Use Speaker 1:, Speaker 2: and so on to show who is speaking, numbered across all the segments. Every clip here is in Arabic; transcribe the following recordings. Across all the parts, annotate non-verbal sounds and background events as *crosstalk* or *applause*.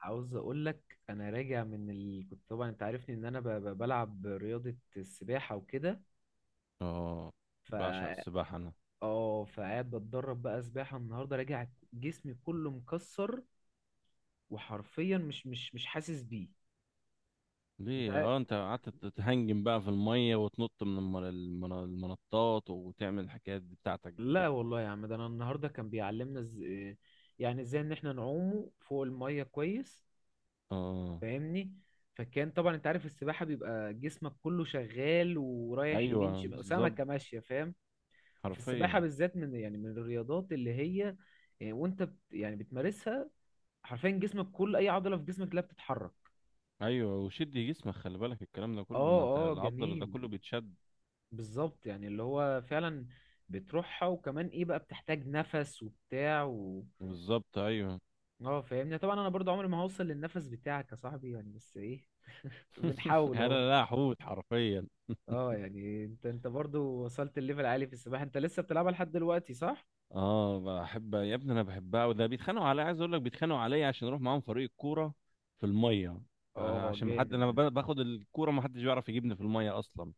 Speaker 1: عاوز اقول لك انا راجع كنت طبعا انت عارفني ان انا بلعب رياضة السباحة وكده.
Speaker 2: اه،
Speaker 1: ف
Speaker 2: بعشق السباحة انا.
Speaker 1: اه فقاعد بتدرب بقى سباحة النهاردة راجع، جسمي كله مكسر، وحرفيا مش حاسس بيه. انت
Speaker 2: ليه
Speaker 1: عارف.
Speaker 2: انت قعدت تتهنجم بقى في المية وتنط من المنطات وتعمل الحكايات دي بتاعتك دي.
Speaker 1: لا والله يا عم، ده انا النهاردة كان يعني ازاي ان احنا نعوم فوق المية كويس،
Speaker 2: اه،
Speaker 1: فاهمني؟ فكان طبعا انت عارف السباحة بيبقى جسمك كله شغال ورايح يمين
Speaker 2: ايوه،
Speaker 1: شمال،
Speaker 2: بالظبط.
Speaker 1: سمكة ماشية، فاهم. في السباحة
Speaker 2: حرفيا.
Speaker 1: بالذات من يعني من الرياضات اللي هي آه، وانت بت يعني بتمارسها، حرفيا جسمك كل اي عضلة في جسمك لا بتتحرك.
Speaker 2: ايوه، وشد جسمك، خلي بالك الكلام ده كله،
Speaker 1: اه،
Speaker 2: ما انت
Speaker 1: اه
Speaker 2: العضل ده
Speaker 1: جميل،
Speaker 2: كله بيتشد.
Speaker 1: بالظبط، يعني اللي هو فعلا بتروحها، وكمان ايه بقى، بتحتاج نفس وبتاع
Speaker 2: بالظبط، ايوه.
Speaker 1: اه فاهمني. طبعا انا برضو عمري ما هوصل للنفس بتاعك يا صاحبي، يعني، بس ايه *laughs*
Speaker 2: *laughs*
Speaker 1: بنحاول اهو.
Speaker 2: انا لا، حوت حرفيا.
Speaker 1: اه يعني، انت برضو وصلت الليفل عالي في السباحة، انت لسه بتلعبها لحد دلوقتي صح؟
Speaker 2: اه، بحب يا ابني، انا بحبها، وده بيتخانقوا عليا، عايز اقول لك بيتخانقوا عليا عشان اروح معاهم فريق الكوره في الميه.
Speaker 1: اه
Speaker 2: فعشان ما
Speaker 1: جامد
Speaker 2: حد انا
Speaker 1: ده،
Speaker 2: باخد الكوره، ما حدش بيعرف يجيبني في الميه اصلا.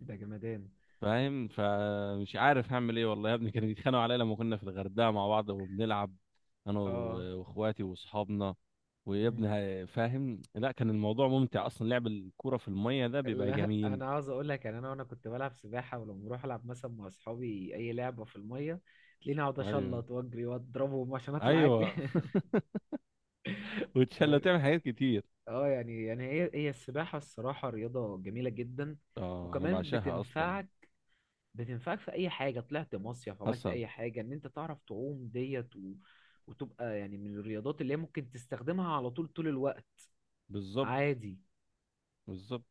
Speaker 1: ده جمدان.
Speaker 2: فاهم؟ فمش عارف هعمل ايه والله يا ابني، كانوا بيتخانقوا عليا لما كنا في الغردقه مع بعض وبنلعب، انا
Speaker 1: اه
Speaker 2: واخواتي واصحابنا. ويا ابني، فاهم؟ لا، كان الموضوع ممتع اصلا، لعب الكوره في الميه ده بيبقى
Speaker 1: لا
Speaker 2: جميل.
Speaker 1: انا عاوز اقول لك، يعني انا كنت بلعب سباحه، ولما بروح العب مثلا مع اصحابي اي لعبه في الميه، تلاقيني اقعد
Speaker 2: ايوه،
Speaker 1: اشلط واجري واضربهم عشان اطلع اجري
Speaker 2: ايوه. *laughs*
Speaker 1: *laughs*
Speaker 2: وتشلى،
Speaker 1: فاهم؟
Speaker 2: تعمل حاجات كتير.
Speaker 1: اه يعني، يعني هي السباحه الصراحه رياضه جميله جدا.
Speaker 2: اه، انا
Speaker 1: وكمان
Speaker 2: بعشقها اصلا.
Speaker 1: بتنفعك، بتنفعك في اي حاجه، طلعت مصيف عملت
Speaker 2: حسن.
Speaker 1: اي حاجه، ان انت تعرف تعوم ديت وتبقى يعني من الرياضات اللي هي ممكن تستخدمها على طول، طول الوقت
Speaker 2: بالظبط.
Speaker 1: عادي،
Speaker 2: بالظبط.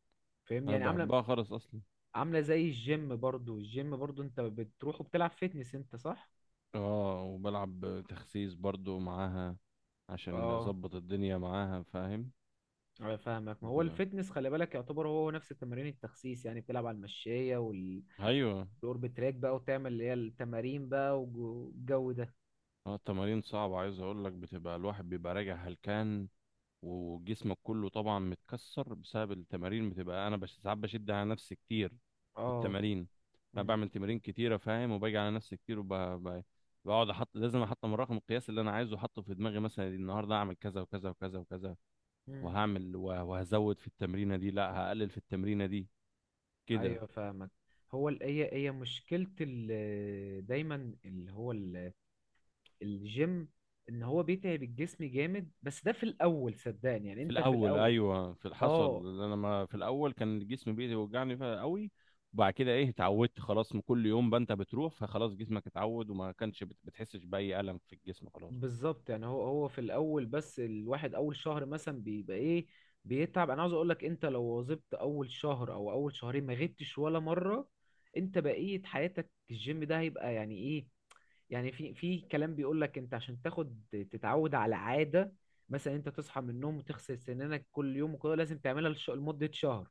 Speaker 1: فاهمني؟
Speaker 2: انا
Speaker 1: يعني عامله،
Speaker 2: بحبها خالص اصلا.
Speaker 1: عاملة زي الجيم، برضو الجيم برضو انت بتروح وبتلعب فيتنس انت صح؟
Speaker 2: اه، وبلعب تخسيس برضو معاها، عشان
Speaker 1: اه
Speaker 2: اظبط الدنيا معاها، فاهم؟
Speaker 1: انا فاهمك، ما هو
Speaker 2: بتبقى،
Speaker 1: الفيتنس خلي بالك يعتبر هو نفس التمارين التخسيس، يعني بتلعب على المشاية
Speaker 2: ايوه.
Speaker 1: والأوربت تراك بقى، وتعمل اللي هي التمارين بقى، والجو ده.
Speaker 2: اه، التمارين صعبة عايز اقول لك، بتبقى الواحد بيبقى راجع هلكان، وجسمك كله طبعا متكسر بسبب التمارين. بتبقى انا بش ساعات بشد على نفسي كتير في
Speaker 1: اه.
Speaker 2: التمارين. انا
Speaker 1: مم.
Speaker 2: بعمل تمارين كتيرة، فاهم؟ وباجي على نفسي كتير، وبقعد احط، لازم احط من رقم القياس اللي انا عايزه احطه في دماغي، مثلا النهارده اعمل كذا وكذا وكذا وكذا.
Speaker 1: مم.
Speaker 2: وهعمل وهزود في التمرينة دي، لا هقلل في التمرينة دي، كده.
Speaker 1: ايوه فاهمك. هو هي مشكلة ال- دايما اللي هو ال- الجيم، ان هو بيتعب الجسم جامد، بس ده في الاول، صدقني، يعني
Speaker 2: في
Speaker 1: انت في
Speaker 2: الاول،
Speaker 1: الاول.
Speaker 2: ايوه، في حصل
Speaker 1: اه
Speaker 2: إن انا، ما في الاول كان جسمي بيوجعني فيها قوي. وبعد كده ايه، اتعودت خلاص، من كل يوم بنت بتروح، فخلاص جسمك اتعود، وما كانش بتحسش باي الم في الجسم، خلاص.
Speaker 1: بالظبط، يعني هو في الاول بس، الواحد اول شهر مثلا بيبقى ايه، بيتعب. انا عاوز اقول لك، انت لو واظبت اول شهر او اول شهرين ما غبتش ولا مره، انت بقيه حياتك الجيم ده هيبقى يعني ايه. يعني في في كلام بيقول لك، انت عشان تاخد تتعود على عاده، مثلا انت تصحى من النوم وتغسل سنانك كل يوم وكده، لازم تعملها لمده شهر.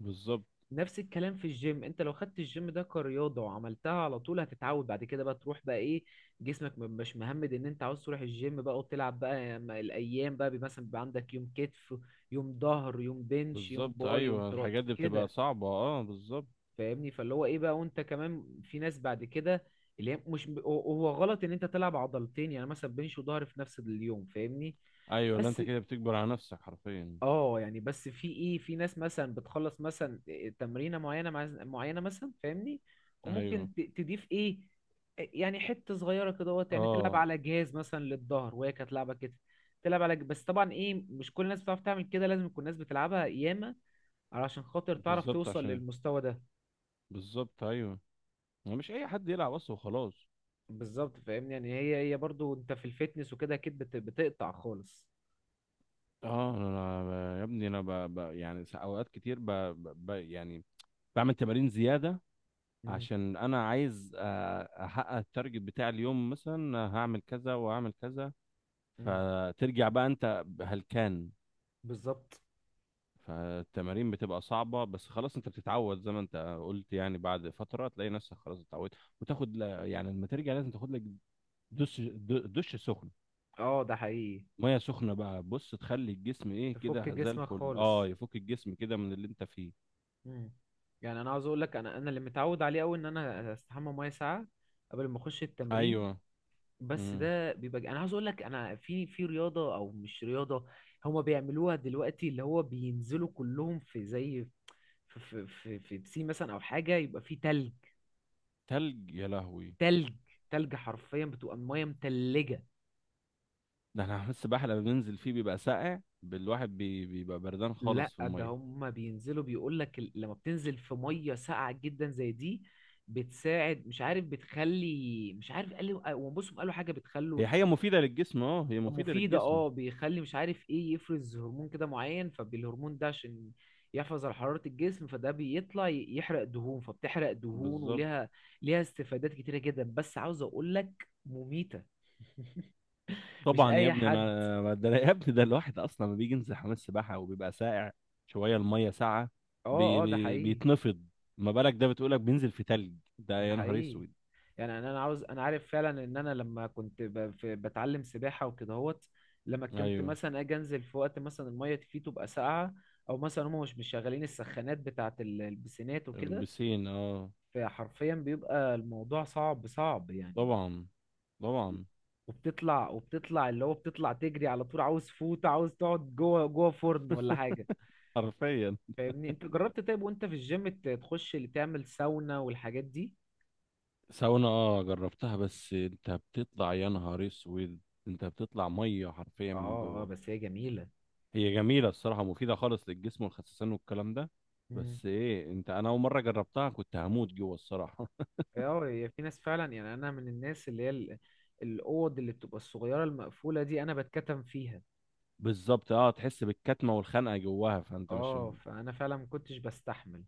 Speaker 2: بالظبط.
Speaker 1: نفس الكلام في الجيم، انت لو خدت الجيم ده كرياضة وعملتها على طول، هتتعود بعد كده بقى تروح بقى ايه، جسمك مش مهمد، ان انت عاوز تروح الجيم بقى وتلعب بقى، الايام بقى مثلا بيبقى عندك يوم كتف، يوم ظهر، يوم بنش، يوم
Speaker 2: بالظبط،
Speaker 1: باي، يوم
Speaker 2: ايوه،
Speaker 1: تراي
Speaker 2: الحاجات دي بتبقى
Speaker 1: كده،
Speaker 2: صعبه، اه، بالظبط.
Speaker 1: فاهمني؟ فاللي هو ايه بقى، وانت كمان في ناس بعد كده اللي هي، مش هو غلط ان انت تلعب عضلتين يعني، مثلا بنش وظهر في نفس اليوم، فاهمني؟
Speaker 2: ايوه، لا انت
Speaker 1: بس
Speaker 2: كده بتكبر على نفسك حرفيا.
Speaker 1: اه، يعني بس في ايه، في ناس مثلا بتخلص مثلا تمرينه معينه مع معينه مثلا، فاهمني؟
Speaker 2: ايوه،
Speaker 1: وممكن تضيف ايه، يعني حته صغيره كده وقت، يعني تلعب
Speaker 2: اه،
Speaker 1: على جهاز مثلا للظهر، وهي كانت لعبه كده تلعب على بس طبعا ايه، مش كل الناس بتعرف تعمل كده، لازم يكون الناس بتلعبها ياما علشان خاطر تعرف
Speaker 2: بالظبط،
Speaker 1: توصل
Speaker 2: عشان
Speaker 1: للمستوى ده.
Speaker 2: بالظبط، ايوه. ما مش اي حد يلعب اصلا، وخلاص.
Speaker 1: بالظبط فاهمني، يعني هي برضو انت في الفتنس وكده اكيد بتقطع خالص.
Speaker 2: اه، انا يا ابني انا يعني اوقات كتير يعني بعمل تمارين زياده،
Speaker 1: مم،
Speaker 2: عشان انا عايز احقق التارجت بتاع اليوم، مثلا هعمل كذا وهعمل كذا،
Speaker 1: مم،
Speaker 2: فترجع بقى انت هلكان.
Speaker 1: بالظبط،
Speaker 2: فالتمارين بتبقى صعبة، بس خلاص انت بتتعود زي ما انت قلت، يعني بعد فترة تلاقي نفسك خلاص اتعودت، وتاخد يعني لما ترجع لازم تاخد لك دش، دش سخن،
Speaker 1: اه ده حقيقي،
Speaker 2: مية سخنة بقى، بص تخلي الجسم ايه
Speaker 1: تفك
Speaker 2: كده زي
Speaker 1: جسمك
Speaker 2: الفل،
Speaker 1: خالص.
Speaker 2: اه، يفك الجسم كده من اللي انت فيه.
Speaker 1: مم. يعني انا عاوز اقول لك، انا اللي متعود عليه قوي، ان انا استحمى 100 ساعة قبل ما اخش التمرين.
Speaker 2: ايوه.
Speaker 1: بس
Speaker 2: امم.
Speaker 1: ده بيبقى، انا عاوز اقول لك، انا في في رياضه او مش رياضه، هما بيعملوها دلوقتي، اللي هو بينزلوا كلهم في زي في في بسين مثلا، او حاجه، يبقى فيه تلج،
Speaker 2: تلج يا لهوي!
Speaker 1: تلج، تلج، حرفيا بتبقى الميه متلجه.
Speaker 2: ده احنا حمام السباحة لما بننزل فيه بيبقى ساقع بالواحد، بيبقى بردان
Speaker 1: لا
Speaker 2: خالص في
Speaker 1: ده
Speaker 2: المية.
Speaker 1: هما بينزلوا بيقول لك، لما بتنزل في ميه ساقعه جدا زي دي، بتساعد مش عارف، بتخلي مش عارف، قالوا وبصوا قالوا حاجه بتخلوا،
Speaker 2: هي حقيقة مفيدة للجسم، اه، هي مفيدة
Speaker 1: مفيدة
Speaker 2: للجسم.
Speaker 1: اه، بيخلي مش عارف ايه، يفرز هرمون كده معين، فبالهرمون ده عشان يحافظ على حرارة الجسم، فده بيطلع يحرق دهون، فبتحرق دهون،
Speaker 2: بالظبط.
Speaker 1: وليها، ليها استفادات كتيرة جدا، بس عاوز اقول لك مميتة، مش
Speaker 2: طبعا يا
Speaker 1: اي
Speaker 2: ابني
Speaker 1: حد.
Speaker 2: انا *laughs* ده يا ابني ده الواحد اصلا لما بيجي ينزل حمام السباحة وبيبقى ساقع شوية المية ساقعة
Speaker 1: اه اه ده حقيقي،
Speaker 2: بيتنفض. ما بالك ده بتقولك بينزل في تلج! ده
Speaker 1: ده
Speaker 2: يا نهار
Speaker 1: حقيقي.
Speaker 2: اسود.
Speaker 1: يعني انا عاوز، انا عارف فعلا ان انا لما كنت بتعلم سباحة وكده هوت، لما كنت
Speaker 2: ايوه.
Speaker 1: مثلا اجي انزل في وقت مثلا المية فيه تبقى ساقعة، او مثلا هم مش شغالين السخانات بتاعة البسينات وكده،
Speaker 2: البسين، اه.
Speaker 1: فحرفيا بيبقى الموضوع صعب، صعب يعني.
Speaker 2: طبعا، طبعا.
Speaker 1: وبتطلع، وبتطلع اللي هو، بتطلع تجري على طول، عاوز فوت، عاوز تقعد جوه، جوه فرن ولا حاجة،
Speaker 2: حرفيا.
Speaker 1: فاهمني؟ انت جربت طيب وانت في الجيم تخش اللي تعمل ساونا والحاجات دي؟
Speaker 2: ساونا، اه، جربتها، بس انت بتطلع يا نهار اسود، انت بتطلع ميه حرفيا من
Speaker 1: اه اه،
Speaker 2: جوه.
Speaker 1: بس هي جميلة.
Speaker 2: هي جميله الصراحه، مفيده خالص للجسم والخسسان والكلام ده.
Speaker 1: مم.
Speaker 2: بس ايه، انت، انا اول مره جربتها كنت هموت جوه الصراحه.
Speaker 1: اه هي في ناس فعلا، يعني انا من الناس اللي هي الاوض اللي بتبقى الصغيرة المقفولة دي انا بتكتم فيها،
Speaker 2: *laughs* بالظبط، اه، تحس بالكتمه والخنقه جواها، فانت مش.
Speaker 1: اه، فانا فعلا ما كنتش بستحمل.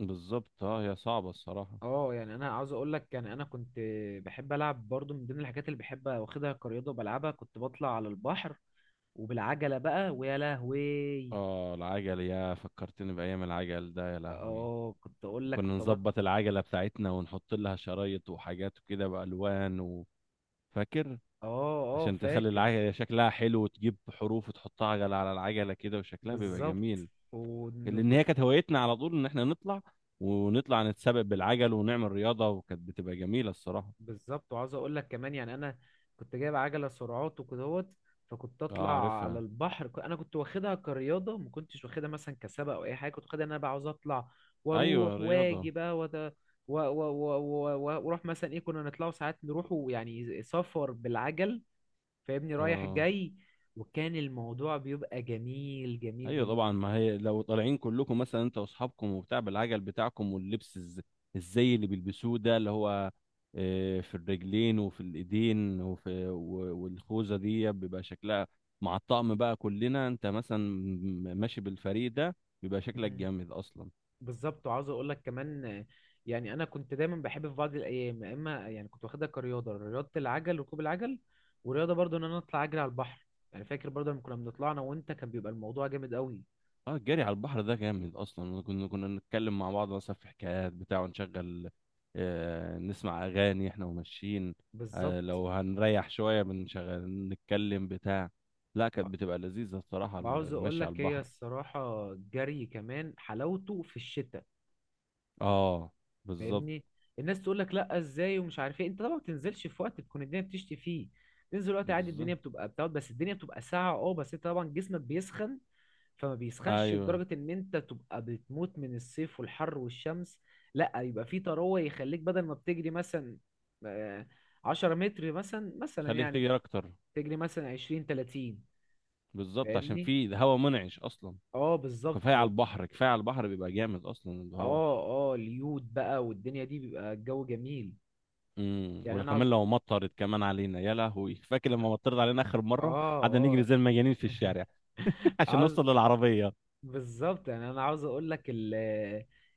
Speaker 2: بالظبط، اه، هي صعبه الصراحه.
Speaker 1: اه يعني انا عاوز اقول لك، يعني انا كنت بحب العب برضو، من ضمن الحاجات اللي بحب واخدها كرياضه وبلعبها، كنت بطلع على البحر وبالعجله بقى، ويا لهوي.
Speaker 2: اه، العجل، يا فكرتني بايام العجل ده يا لهوي.
Speaker 1: اه كنت اقول لك
Speaker 2: وكنا
Speaker 1: كنت بط...
Speaker 2: نظبط العجله بتاعتنا ونحط لها شرايط وحاجات وكده بالوان فاكر؟
Speaker 1: اه اه
Speaker 2: عشان تخلي
Speaker 1: فاكر.
Speaker 2: العجلة شكلها حلو، وتجيب حروف وتحطها عجلة على العجلة كده، وشكلها بيبقى
Speaker 1: بالظبط.
Speaker 2: جميل. لأن
Speaker 1: وكنت،
Speaker 2: هي كانت هوايتنا على طول، إن إحنا نطلع ونطلع نتسابق بالعجل ونعمل رياضة، وكانت بتبقى جميلة الصراحة.
Speaker 1: بالظبط، وعاوز اقول لك كمان، يعني انا كنت جايب عجله سرعات وكدهوت، فكنت
Speaker 2: اه،
Speaker 1: اطلع على
Speaker 2: عارفها.
Speaker 1: البحر، انا كنت واخدها كرياضه، ما كنتش واخدها مثلا كسبق او اي حاجه، كنت واخدها إن انا بقى عاوز اطلع
Speaker 2: أيوة،
Speaker 1: واروح
Speaker 2: رياضة.
Speaker 1: واجي بقى وت... و... و... و... و... و- واروح مثلا ايه، كنا نطلعوا ساعات نروحوا يعني سفر بالعجل، فاهمني، رايح
Speaker 2: اه،
Speaker 1: جاي. وكان الموضوع بيبقى جميل، جميل،
Speaker 2: ايوه طبعا،
Speaker 1: جميل.
Speaker 2: ما هي لو طالعين كلكم مثلا انت واصحابكم وبتاع بالعجل بتاعكم، واللبس الزي اللي بيلبسوه ده اللي هو في الرجلين وفي الايدين وفي والخوذه دي، بيبقى شكلها مع الطقم بقى كلنا، انت مثلا ماشي بالفريق ده، بيبقى شكلك جامد اصلا.
Speaker 1: بالظبط وعاوز اقول لك كمان، يعني انا كنت دايما بحب في بعض الايام، يا اما يعني كنت واخدها كرياضه، رياضه العجل، ركوب العجل، ورياضه برضو ان انا اطلع اجري على البحر. يعني فاكر برضو لما كنا بنطلع انا وانت، كان بيبقى الموضوع جامد قوي.
Speaker 2: اه، الجري على البحر ده جامد اصلا، كنا نتكلم مع بعض مثلا في حكايات بتاع، ونشغل نسمع اغاني احنا وماشيين.
Speaker 1: بالظبط،
Speaker 2: لو هنريح شويه بنشغل نتكلم بتاع. لا، كانت بتبقى لذيذه الصراحه
Speaker 1: وعاوز اقول
Speaker 2: المشي على
Speaker 1: لك، هي
Speaker 2: البحر.
Speaker 1: الصراحه الجري كمان حلاوته في الشتاء،
Speaker 2: اه. بالظبط.
Speaker 1: فاهمني. الناس تقول لك لا ازاي ومش عارف ايه، انت طبعا ما بتنزلش في وقت تكون الدنيا بتشتي فيه، تنزل وقت عادي
Speaker 2: بالظبط،
Speaker 1: الدنيا بتبقى بتقعد، بس الدنيا بتبقى ساقعه اه، بس انت طبعا جسمك بيسخن، فما بيسخنش
Speaker 2: ايوه.
Speaker 1: لدرجة ان انت تبقى بتموت من الصيف والحر والشمس، لا يبقى في تروة يخليك، بدل ما بتجري مثلا آه، 10 متر مثلا، مثلا
Speaker 2: خليك
Speaker 1: يعني
Speaker 2: تجري اكتر.
Speaker 1: تجري مثلا 20، 30،
Speaker 2: بالظبط، عشان
Speaker 1: فاهمني.
Speaker 2: في هواء منعش اصلا.
Speaker 1: اه بالظبط
Speaker 2: كفايه
Speaker 1: ف
Speaker 2: على
Speaker 1: اه،
Speaker 2: البحر، كفايه على البحر بيبقى جامد اصلا الهواء.
Speaker 1: اه اليود بقى والدنيا دي، بيبقى الجو جميل. يعني انا
Speaker 2: وكمان
Speaker 1: عاوز،
Speaker 2: لو مطرت كمان علينا يا لهوي، فاكر لما مطرت علينا اخر مره
Speaker 1: اه
Speaker 2: قعدنا نجري
Speaker 1: اه
Speaker 2: زي المجانين في الشارع. *laughs*
Speaker 1: *laughs*
Speaker 2: عشان
Speaker 1: عاوز،
Speaker 2: نوصل للعربيه.
Speaker 1: بالظبط يعني انا عاوز اقول لك ال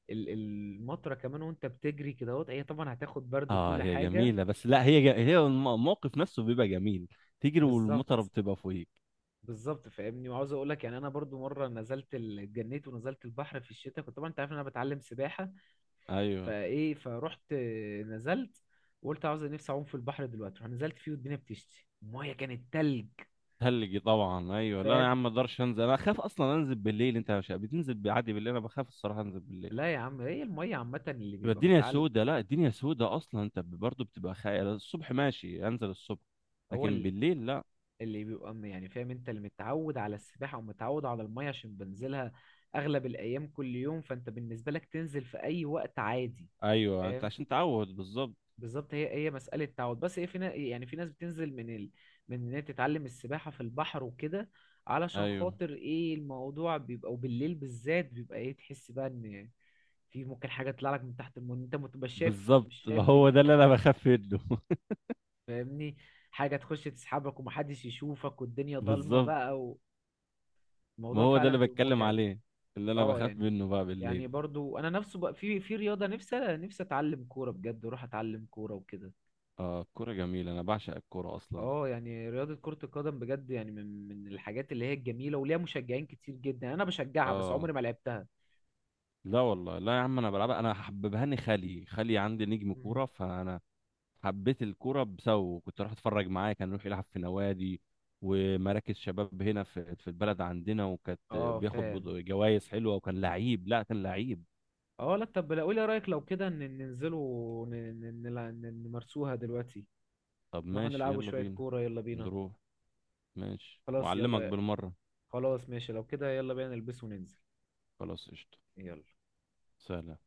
Speaker 1: ال- المطره كمان وانت بتجري كده اهوت، هي طبعا هتاخد برد
Speaker 2: اه،
Speaker 1: وكل
Speaker 2: هي
Speaker 1: حاجه.
Speaker 2: جميله، بس لا، هي هي الموقف نفسه بيبقى جميل، تجري والمطره
Speaker 1: بالظبط،
Speaker 2: بتبقى فوقيك.
Speaker 1: بالظبط فاهمني. وعاوز اقول لك، يعني انا برضو مره نزلت اتجنيت ونزلت البحر في الشتاء، كنت طبعا انت عارف ان انا بتعلم سباحه،
Speaker 2: ايوه،
Speaker 1: فايه، فروحت نزلت وقلت عاوز نفسي اعوم في البحر دلوقتي، رحت نزلت فيه والدنيا بتشتي، الميه كانت تلج.
Speaker 2: تلجي طبعا، ايوه، لا انا
Speaker 1: فاهم.
Speaker 2: يا عم ما اقدرش انزل، انا اخاف اصلا انزل بالليل، انت مش بتنزل عادي بالليل؟ انا بخاف الصراحه انزل بالليل،
Speaker 1: لا يا عم، هي الميه عامه اللي
Speaker 2: تبقى
Speaker 1: بيبقى
Speaker 2: الدنيا
Speaker 1: متعلق،
Speaker 2: سودة، لا الدنيا سودة اصلا، انت برضه بتبقى خايف، الصبح ماشي انزل الصبح،
Speaker 1: هو
Speaker 2: لكن
Speaker 1: ال-
Speaker 2: بالليل لا.
Speaker 1: اللي بيبقى يعني فاهم، انت اللي متعود على السباحه ومتعود على الميه عشان بنزلها اغلب الايام، كل يوم، فانت بالنسبه لك تنزل في اي وقت عادي،
Speaker 2: ايوه، انت
Speaker 1: فاهم؟
Speaker 2: عشان تعود، بالظبط.
Speaker 1: بالظبط، هي مسألة تعود. بس هي في يعني في ناس بتنزل من ان هي تتعلم السباحة في البحر وكده، علشان
Speaker 2: ايوه،
Speaker 1: خاطر ايه الموضوع بيبقى، وبالليل بالذات، بيبقى ايه، تحس بقى ان في ممكن حاجة تطلع لك من تحت المية، انت ما تبقاش شايف،
Speaker 2: بالظبط،
Speaker 1: مش شايف
Speaker 2: ما هو ده اللي
Speaker 1: دنيتك،
Speaker 2: انا بخاف منه *laughs*
Speaker 1: فاهمني؟ حاجة تخش تسحبك ومحدش يشوفك والدنيا ضلمة
Speaker 2: بالظبط،
Speaker 1: بقى،
Speaker 2: ما
Speaker 1: والموضوع
Speaker 2: هو ده
Speaker 1: فعلا
Speaker 2: اللي
Speaker 1: بيبقى
Speaker 2: بتكلم
Speaker 1: متعب.
Speaker 2: عليه، اللي انا
Speaker 1: اه
Speaker 2: بخاف
Speaker 1: يعني،
Speaker 2: منه بقى
Speaker 1: يعني
Speaker 2: بالليل.
Speaker 1: برضو انا نفسه بقى في في رياضة، نفسي اتعلم كورة بجد، واروح اتعلم كورة وكده.
Speaker 2: اه، الكوره جميله، انا بعشق الكوره اصلا.
Speaker 1: اه يعني رياضة كرة القدم بجد، يعني من الحاجات اللي هي الجميلة وليها مشجعين كتير جدا، انا بشجعها بس
Speaker 2: اه،
Speaker 1: عمري ما لعبتها.
Speaker 2: لا والله، لا يا عم انا بلعبها، انا حببهاني خالي، خالي عندي نجم
Speaker 1: مم.
Speaker 2: كوره، فانا حبيت الكوره بسببه، كنت اروح اتفرج معاه، كان يروح يلعب في نوادي ومراكز شباب هنا في البلد عندنا، وكانت
Speaker 1: اه
Speaker 2: بياخد
Speaker 1: فاهم.
Speaker 2: جوائز حلوه، وكان لعيب، لا كان لعيب.
Speaker 1: اه لا طب، لا قولي رأيك، لو كده ن- ننزلوا ن- ن- نلع- ن- نمارسوها دلوقتي،
Speaker 2: طب
Speaker 1: نروح
Speaker 2: ماشي،
Speaker 1: نلعبوا
Speaker 2: يلا
Speaker 1: شوية
Speaker 2: بينا.
Speaker 1: كورة، يلا بينا.
Speaker 2: نروح. ماشي،
Speaker 1: خلاص
Speaker 2: وأعلمك
Speaker 1: يلا،
Speaker 2: بالمرة.
Speaker 1: خلاص ماشي، لو كده يلا بينا نلبس وننزل.
Speaker 2: خلاص قشطة.
Speaker 1: يلا.
Speaker 2: سلام.